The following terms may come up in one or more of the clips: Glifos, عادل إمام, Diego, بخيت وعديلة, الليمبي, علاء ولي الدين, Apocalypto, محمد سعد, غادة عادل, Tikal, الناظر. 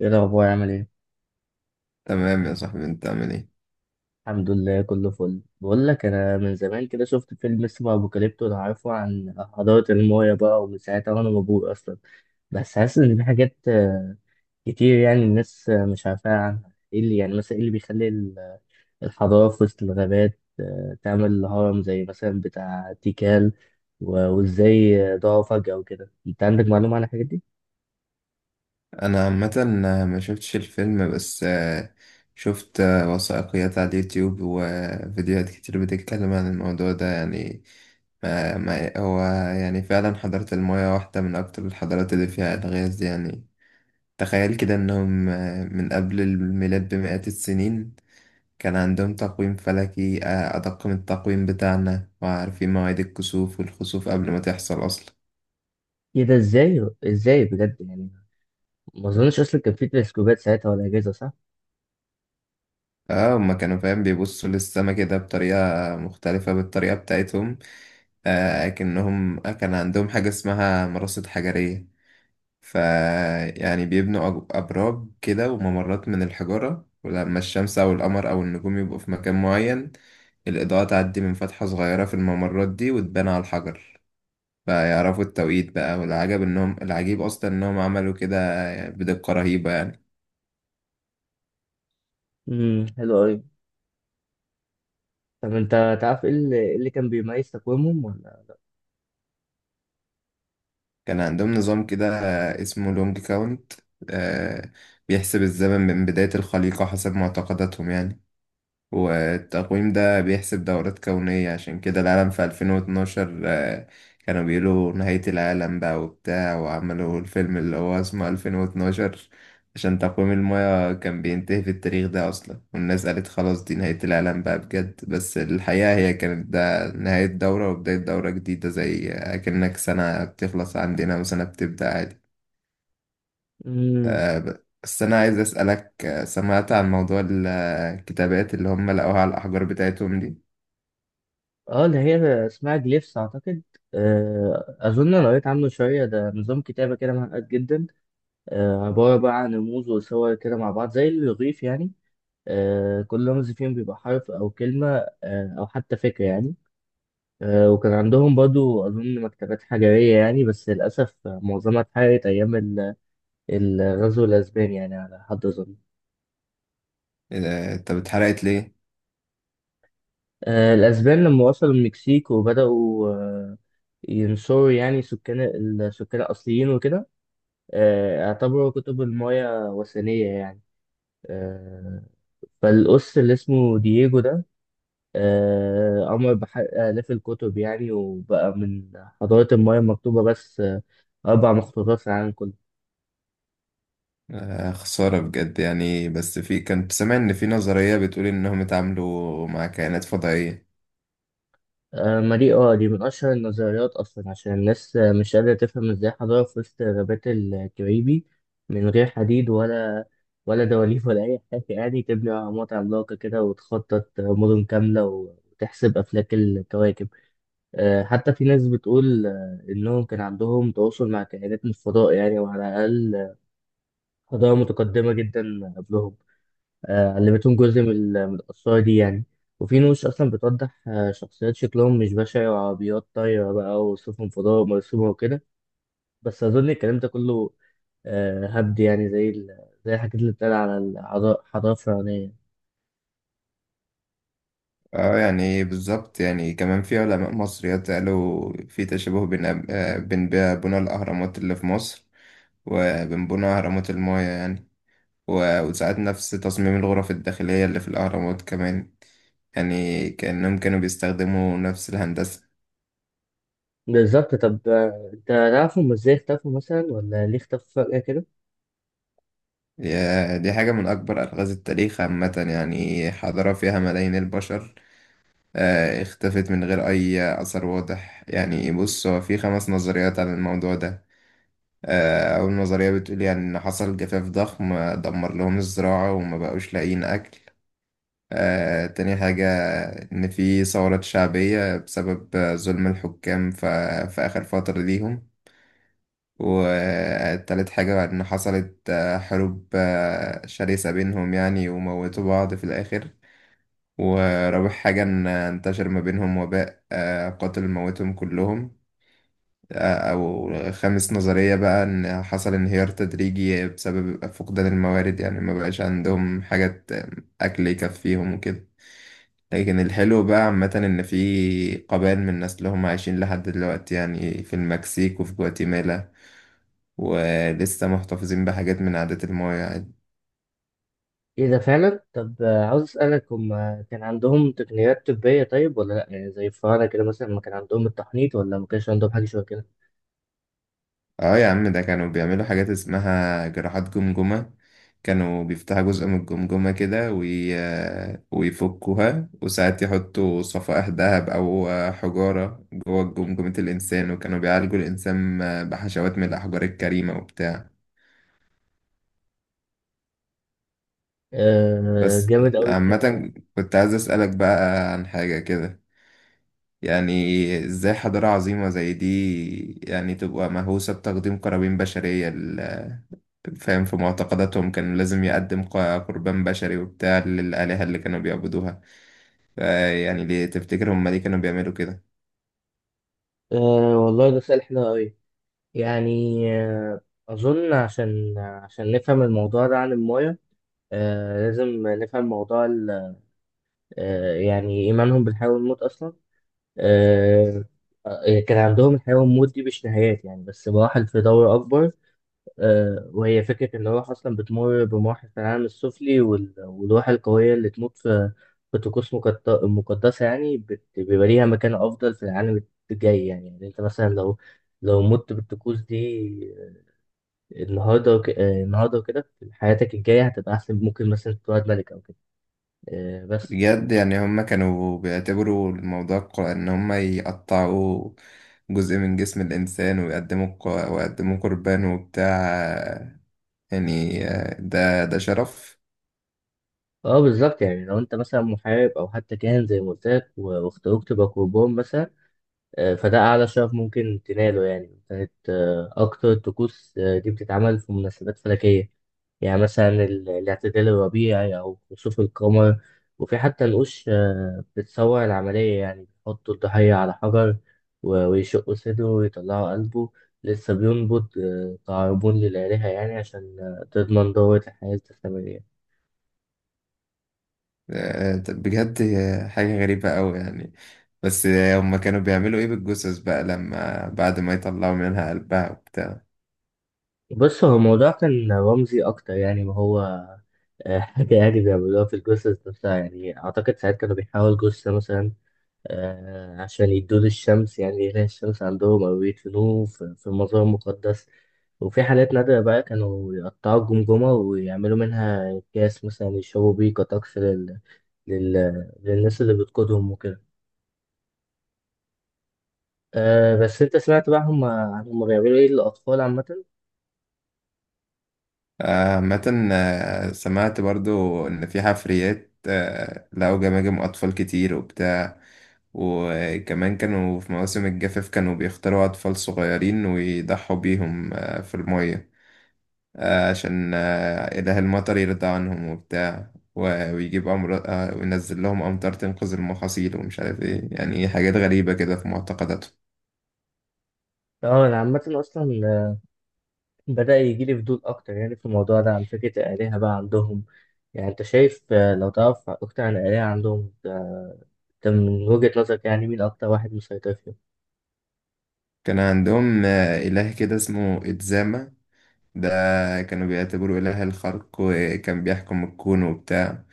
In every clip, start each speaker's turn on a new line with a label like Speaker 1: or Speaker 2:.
Speaker 1: ايه الاخبار؟ عامل ايه؟
Speaker 2: تمام يا صاحبي، انت عامل ايه؟
Speaker 1: الحمد لله، كله فل. بقول لك، انا من زمان كده شفت فيلم اسمه ابوكاليبتو، لو عارفه، عن حضاره المايا بقى. ومن ساعتها وانا مبهور اصلا. بس حاسس ان في حاجات كتير، يعني الناس مش عارفاها عنها. ايه اللي يعني مثلا، ايه اللي بيخلي الحضاره في وسط الغابات تعمل هرم زي مثلا بتاع تيكال، وازاي ضاعوا فجأة وكده؟ انت عندك معلومة عن الحاجات دي؟
Speaker 2: انا عامه ما شفتش الفيلم بس شفت وثائقيات على اليوتيوب وفيديوهات كتير بتتكلم عن الموضوع ده، يعني ما هو يعني فعلا حضارة المايا واحدة من أكتر الحضارات اللي فيها ألغاز دي. يعني تخيل كده إنهم من قبل الميلاد بمئات السنين كان عندهم تقويم فلكي أدق من التقويم بتاعنا، وعارفين مواعيد الكسوف والخسوف قبل ما تحصل أصلا.
Speaker 1: ايه ده؟ ازاي ازاي بجد يعني؟ ما اظنش اصلا كان في تلسكوبات ساعتها ولا اجهزة، صح؟
Speaker 2: اه، هما كانوا فاهم بيبصوا للسما كده بطريقة مختلفة بالطريقة بتاعتهم. آه، كأنهم كان عندهم حاجة اسمها مراصد حجرية. ف يعني بيبنوا أبراج كده وممرات من الحجارة، ولما الشمس أو القمر أو النجوم يبقوا في مكان معين الإضاءة تعدي من فتحة صغيرة في الممرات دي وتبان على الحجر، فيعرفوا التوقيت بقى. والعجب إنهم العجيب أصلا إنهم عملوا كده بدقة رهيبة يعني.
Speaker 1: امم، حلو قوي. طب انت تعرف ايه اللي، إيه اللي كان بيميز تقويمهم ولا لا؟
Speaker 2: كان عندهم نظام كده اسمه لونج كاونت، آه، بيحسب الزمن من بداية الخليقة حسب معتقداتهم يعني. والتقويم ده بيحسب دورات كونية، عشان كده العالم في 2012 كانوا بيقولوا نهاية العالم بقى وبتاع، وعملوا الفيلم اللي هو اسمه 2012 عشان تقويم المياه كان بينتهي في التاريخ ده أصلا، والناس قالت خلاص دي نهاية العالم بقى بجد. بس الحقيقة هي كانت ده نهاية دورة وبداية دورة جديدة، زي أكنك سنة بتخلص عندنا وسنة بتبدأ عادي.
Speaker 1: امم.
Speaker 2: بس أنا عايز أسألك، سمعت عن موضوع الكتابات اللي هم لقوها على الأحجار بتاعتهم دي؟
Speaker 1: اه، اللي هي اسمها جليفس اعتقد. اظن أنا قريت عنه شويه، ده نظام كتابه كده معقد جدا. عباره بقى عن رموز وصور كده مع بعض، زي الرغيف يعني. كل رمز فيهم بيبقى حرف او كلمه، او حتى فكره يعني. وكان عندهم برضو اظن مكتبات حجريه يعني، بس للاسف معظمها اتحرقت ايام الغزو الاسباني يعني، على حد اظن.
Speaker 2: إيه ده؟ طب اتحرقت ليه؟
Speaker 1: الأسبان لما وصلوا المكسيك وبدأوا ينصروا يعني السكان الأصليين وكده. اعتبروا كتب المايا وثنية يعني. آه، فالقس اللي اسمه دييجو ده أمر بحرق آلاف الكتب يعني. وبقى من حضارة المايا مكتوبة بس أربع مخطوطات في العالم كله.
Speaker 2: آه، خسارة بجد يعني. بس في كنت سامع إن في نظرية بتقول إنهم اتعاملوا مع كائنات فضائية.
Speaker 1: ما دي من أشهر النظريات أصلا، عشان الناس مش قادرة تفهم ازاي حضارة في وسط غابات الكاريبي من غير حديد، ولا دواليب، ولا أي حاجة يعني، تبني أهرامات عملاقة كده وتخطط مدن كاملة وتحسب أفلاك الكواكب. حتى في ناس بتقول إنهم كان عندهم تواصل مع كائنات من الفضاء يعني، وعلى الأقل حضارة متقدمة جدا قبلهم علمتهم جزء من القصة دي يعني. وفي نوش أصلا بتوضح شخصيات شكلهم مش بشع، وعربيات طايرة بقى، وسفن فضاء مرسومة وكده. بس أظن الكلام ده كله هبد يعني، زي زي الحاجات اللي بتتقال على الحضارة الفرعونية.
Speaker 2: اه يعني بالظبط، يعني كمان في علماء مصريات قالوا في تشابه بين بين بقى بنى الأهرامات اللي في مصر وبين بنى أهرامات المايا يعني. وساعات نفس تصميم الغرف الداخلية اللي في الأهرامات كمان، يعني كأنهم كانوا بيستخدموا نفس الهندسة.
Speaker 1: بالظبط. طب أنت تعرف هم إزاي اختفوا مثلا، ولا ليه اختفوا فجأة كده؟
Speaker 2: يا دي حاجة من أكبر ألغاز التاريخ عامة. يعني حضارة فيها ملايين البشر اختفت من غير أي أثر واضح يعني. بص، هو في خمس نظريات عن الموضوع ده. أول نظرية بتقول يعني إن حصل جفاف ضخم دمر لهم الزراعة وما بقوش لاقيين أكل. تاني حاجة إن في ثورات شعبية بسبب ظلم الحكام في آخر فترة ليهم. وتالت حاجة إن حصلت حروب شرسة بينهم يعني، وموتوا بعض في الآخر. ورابع حاجة إن انتشر ما بينهم وباء قاتل موتهم كلهم. أو خامس نظرية بقى إن حصل انهيار تدريجي بسبب فقدان الموارد، يعني ما بقاش عندهم حاجات أكل يكفيهم وكده. لكن الحلو بقى عامة إن في قبائل من الناس اللي هم عايشين لحد دلوقتي يعني في المكسيك وفي جواتيمالا، ولسه محتفظين بحاجات من عادات الماضي يعني.
Speaker 1: إيه ده فعلا؟ طب عاوز أسألك، هم كان عندهم تقنيات طبية طيب ولا لأ؟ يعني زي الفراعنة كده مثلا، ما كان عندهم التحنيط ولا ما كانش عندهم حاجة شبه كده؟
Speaker 2: اه يا عم، ده كانوا بيعملوا حاجات اسمها جراحات جمجمة. كانوا بيفتحوا جزء من الجمجمة كده ويفكوها، وساعات يحطوا صفائح ذهب أو حجارة جوه جمجمة الإنسان، وكانوا بيعالجوا الإنسان بحشوات من الأحجار الكريمة وبتاع.
Speaker 1: آه،
Speaker 2: بس
Speaker 1: جامد أوي الكلام ده.
Speaker 2: عامة كنت عايز أسألك بقى عن حاجة كده، يعني ازاي حضارة عظيمة زي دي يعني تبقى مهووسة بتقديم قرابين بشرية؟ فاهم؟ في معتقداتهم كان لازم يقدم قربان بشري وبتاع للآلهة اللي كانوا بيعبدوها. يعني ليه تفتكر هم ليه كانوا بيعملوا كده؟
Speaker 1: آه، والله ده سؤال حلو أوي يعني. أظن عشان نفهم الموضوع ده عن الماية لازم نفهم موضوع يعني إيمانهم بالحياة والموت أصلا. آه كان عندهم الحياة والموت دي مش نهايات يعني، بس مراحل في دور أكبر. وهي فكرة إن الروح أصلا بتمر بمراحل في العالم السفلي، والروح القوية اللي تموت في طقوس مقدسة يعني بيبقى ليها مكان أفضل في العالم الجاي يعني. يعني أنت مثلا لو مت بالطقوس دي آه، النهاردة وك... آه، النهاردة وكده، في حياتك الجاية هتبقى أحسن، ممكن مثلا تتولد ملك أو كده. آه، بس.
Speaker 2: بجد يعني هم كانوا بيعتبروا الموضوع إن هم يقطعوا جزء من جسم الإنسان ويقدموا ويقدموا قربان وبتاع، يعني ده شرف.
Speaker 1: اه، بالظبط، يعني لو انت مثلا محارب او حتى كاهن زي ما قلت لك، واختاروك تبقى قربان مثلا فده أعلى شرف ممكن تناله يعني. كانت أكتر الطقوس دي بتتعمل في مناسبات فلكية، يعني مثلا الاعتدال الربيعي أو خسوف القمر. وفي حتى نقوش بتصور العملية، يعني بيحطوا الضحية على حجر، ويشقوا صدره ويطلعوا قلبه لسه بينبض تعربون للآلهة يعني، عشان تضمن دورة الحياة الاستمرارية.
Speaker 2: طب بجد حاجة غريبة أوي يعني. بس هم كانوا بيعملوا إيه بالجثث بقى لما بعد ما يطلعوا منها قلبها وبتاع؟
Speaker 1: بص، هو الموضوع كان رمزي أكتر يعني. ما هو حاجة يعني بيعملوها في الجثث نفسها يعني. أعتقد ساعات كانوا بيحاولوا جثة مثلا عشان يدوا الشمس، يعني يلاقي الشمس عندهم، أو يدفنوه في مزار مقدس. وفي حالات نادرة بقى كانوا يقطعوا الجمجمة ويعملوا منها أكياس مثلا يشربوا بيه، كطقس لل... للناس اللي بتقودهم وكده. أه، بس أنت سمعت بقى، هم بيعملوا إيه للأطفال عامة؟
Speaker 2: عامة سمعت برضو إن في حفريات لقوا جماجم أطفال كتير وبتاع. وكمان كانوا في مواسم الجفاف كانوا بيختاروا أطفال صغيرين ويضحوا بيهم في المية، عشان إله المطر يرضى عنهم وبتاع، ويجيب أمر وينزل لهم أمطار تنقذ المحاصيل، ومش عارف إيه يعني. حاجات غريبة كده في معتقداتهم.
Speaker 1: اه، أنا عامة أصلا بدأ يجيلي فضول أكتر يعني في الموضوع ده، عن فكرة الآلهة بقى عندهم. يعني أنت شايف لو تعرف أكتر عن الآلهة عندهم أنت من وجهة نظرك يعني، مين أكتر واحد مسيطر فيهم؟
Speaker 2: كان عندهم إله كده اسمه إتزاما. ده كانوا بيعتبروه إله الخلق وكان بيحكم الكون وبتاع.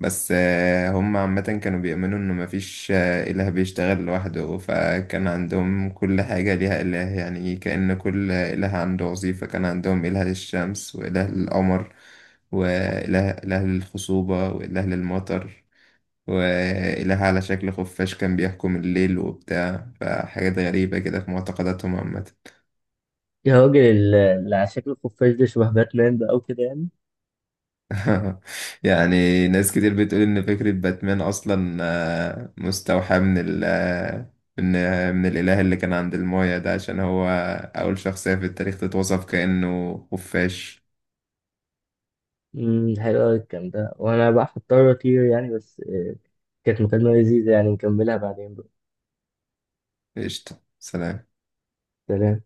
Speaker 2: بس هم عامة كانوا بيؤمنوا إنه مفيش إله بيشتغل لوحده، فكان عندهم كل حاجة ليها إله يعني، كأن كل إله عنده وظيفة. كان عندهم إله للشمس وإله للقمر وإله للخصوبة وإله للمطر، وإله على شكل خفاش كان بيحكم الليل وبتاع. فحاجات غريبة كده في معتقداتهم عامة.
Speaker 1: يا راجل، اللي على شكل الخفاش ده شبه باتمان بقى وكده يعني.
Speaker 2: يعني ناس كتير بتقول ان فكرة باتمان اصلا مستوحى من ال آه، من آه، من الاله اللي كان عند المايا ده، عشان هو اول شخصية في التاريخ تتوصف كأنه خفاش.
Speaker 1: امم، حلو أوي الكلام ده. وأنا بقى هضطر أطير يعني، بس كانت مكالمة لذيذة يعني، نكملها بعدين بقى.
Speaker 2: قشطة، سلام.
Speaker 1: سلام.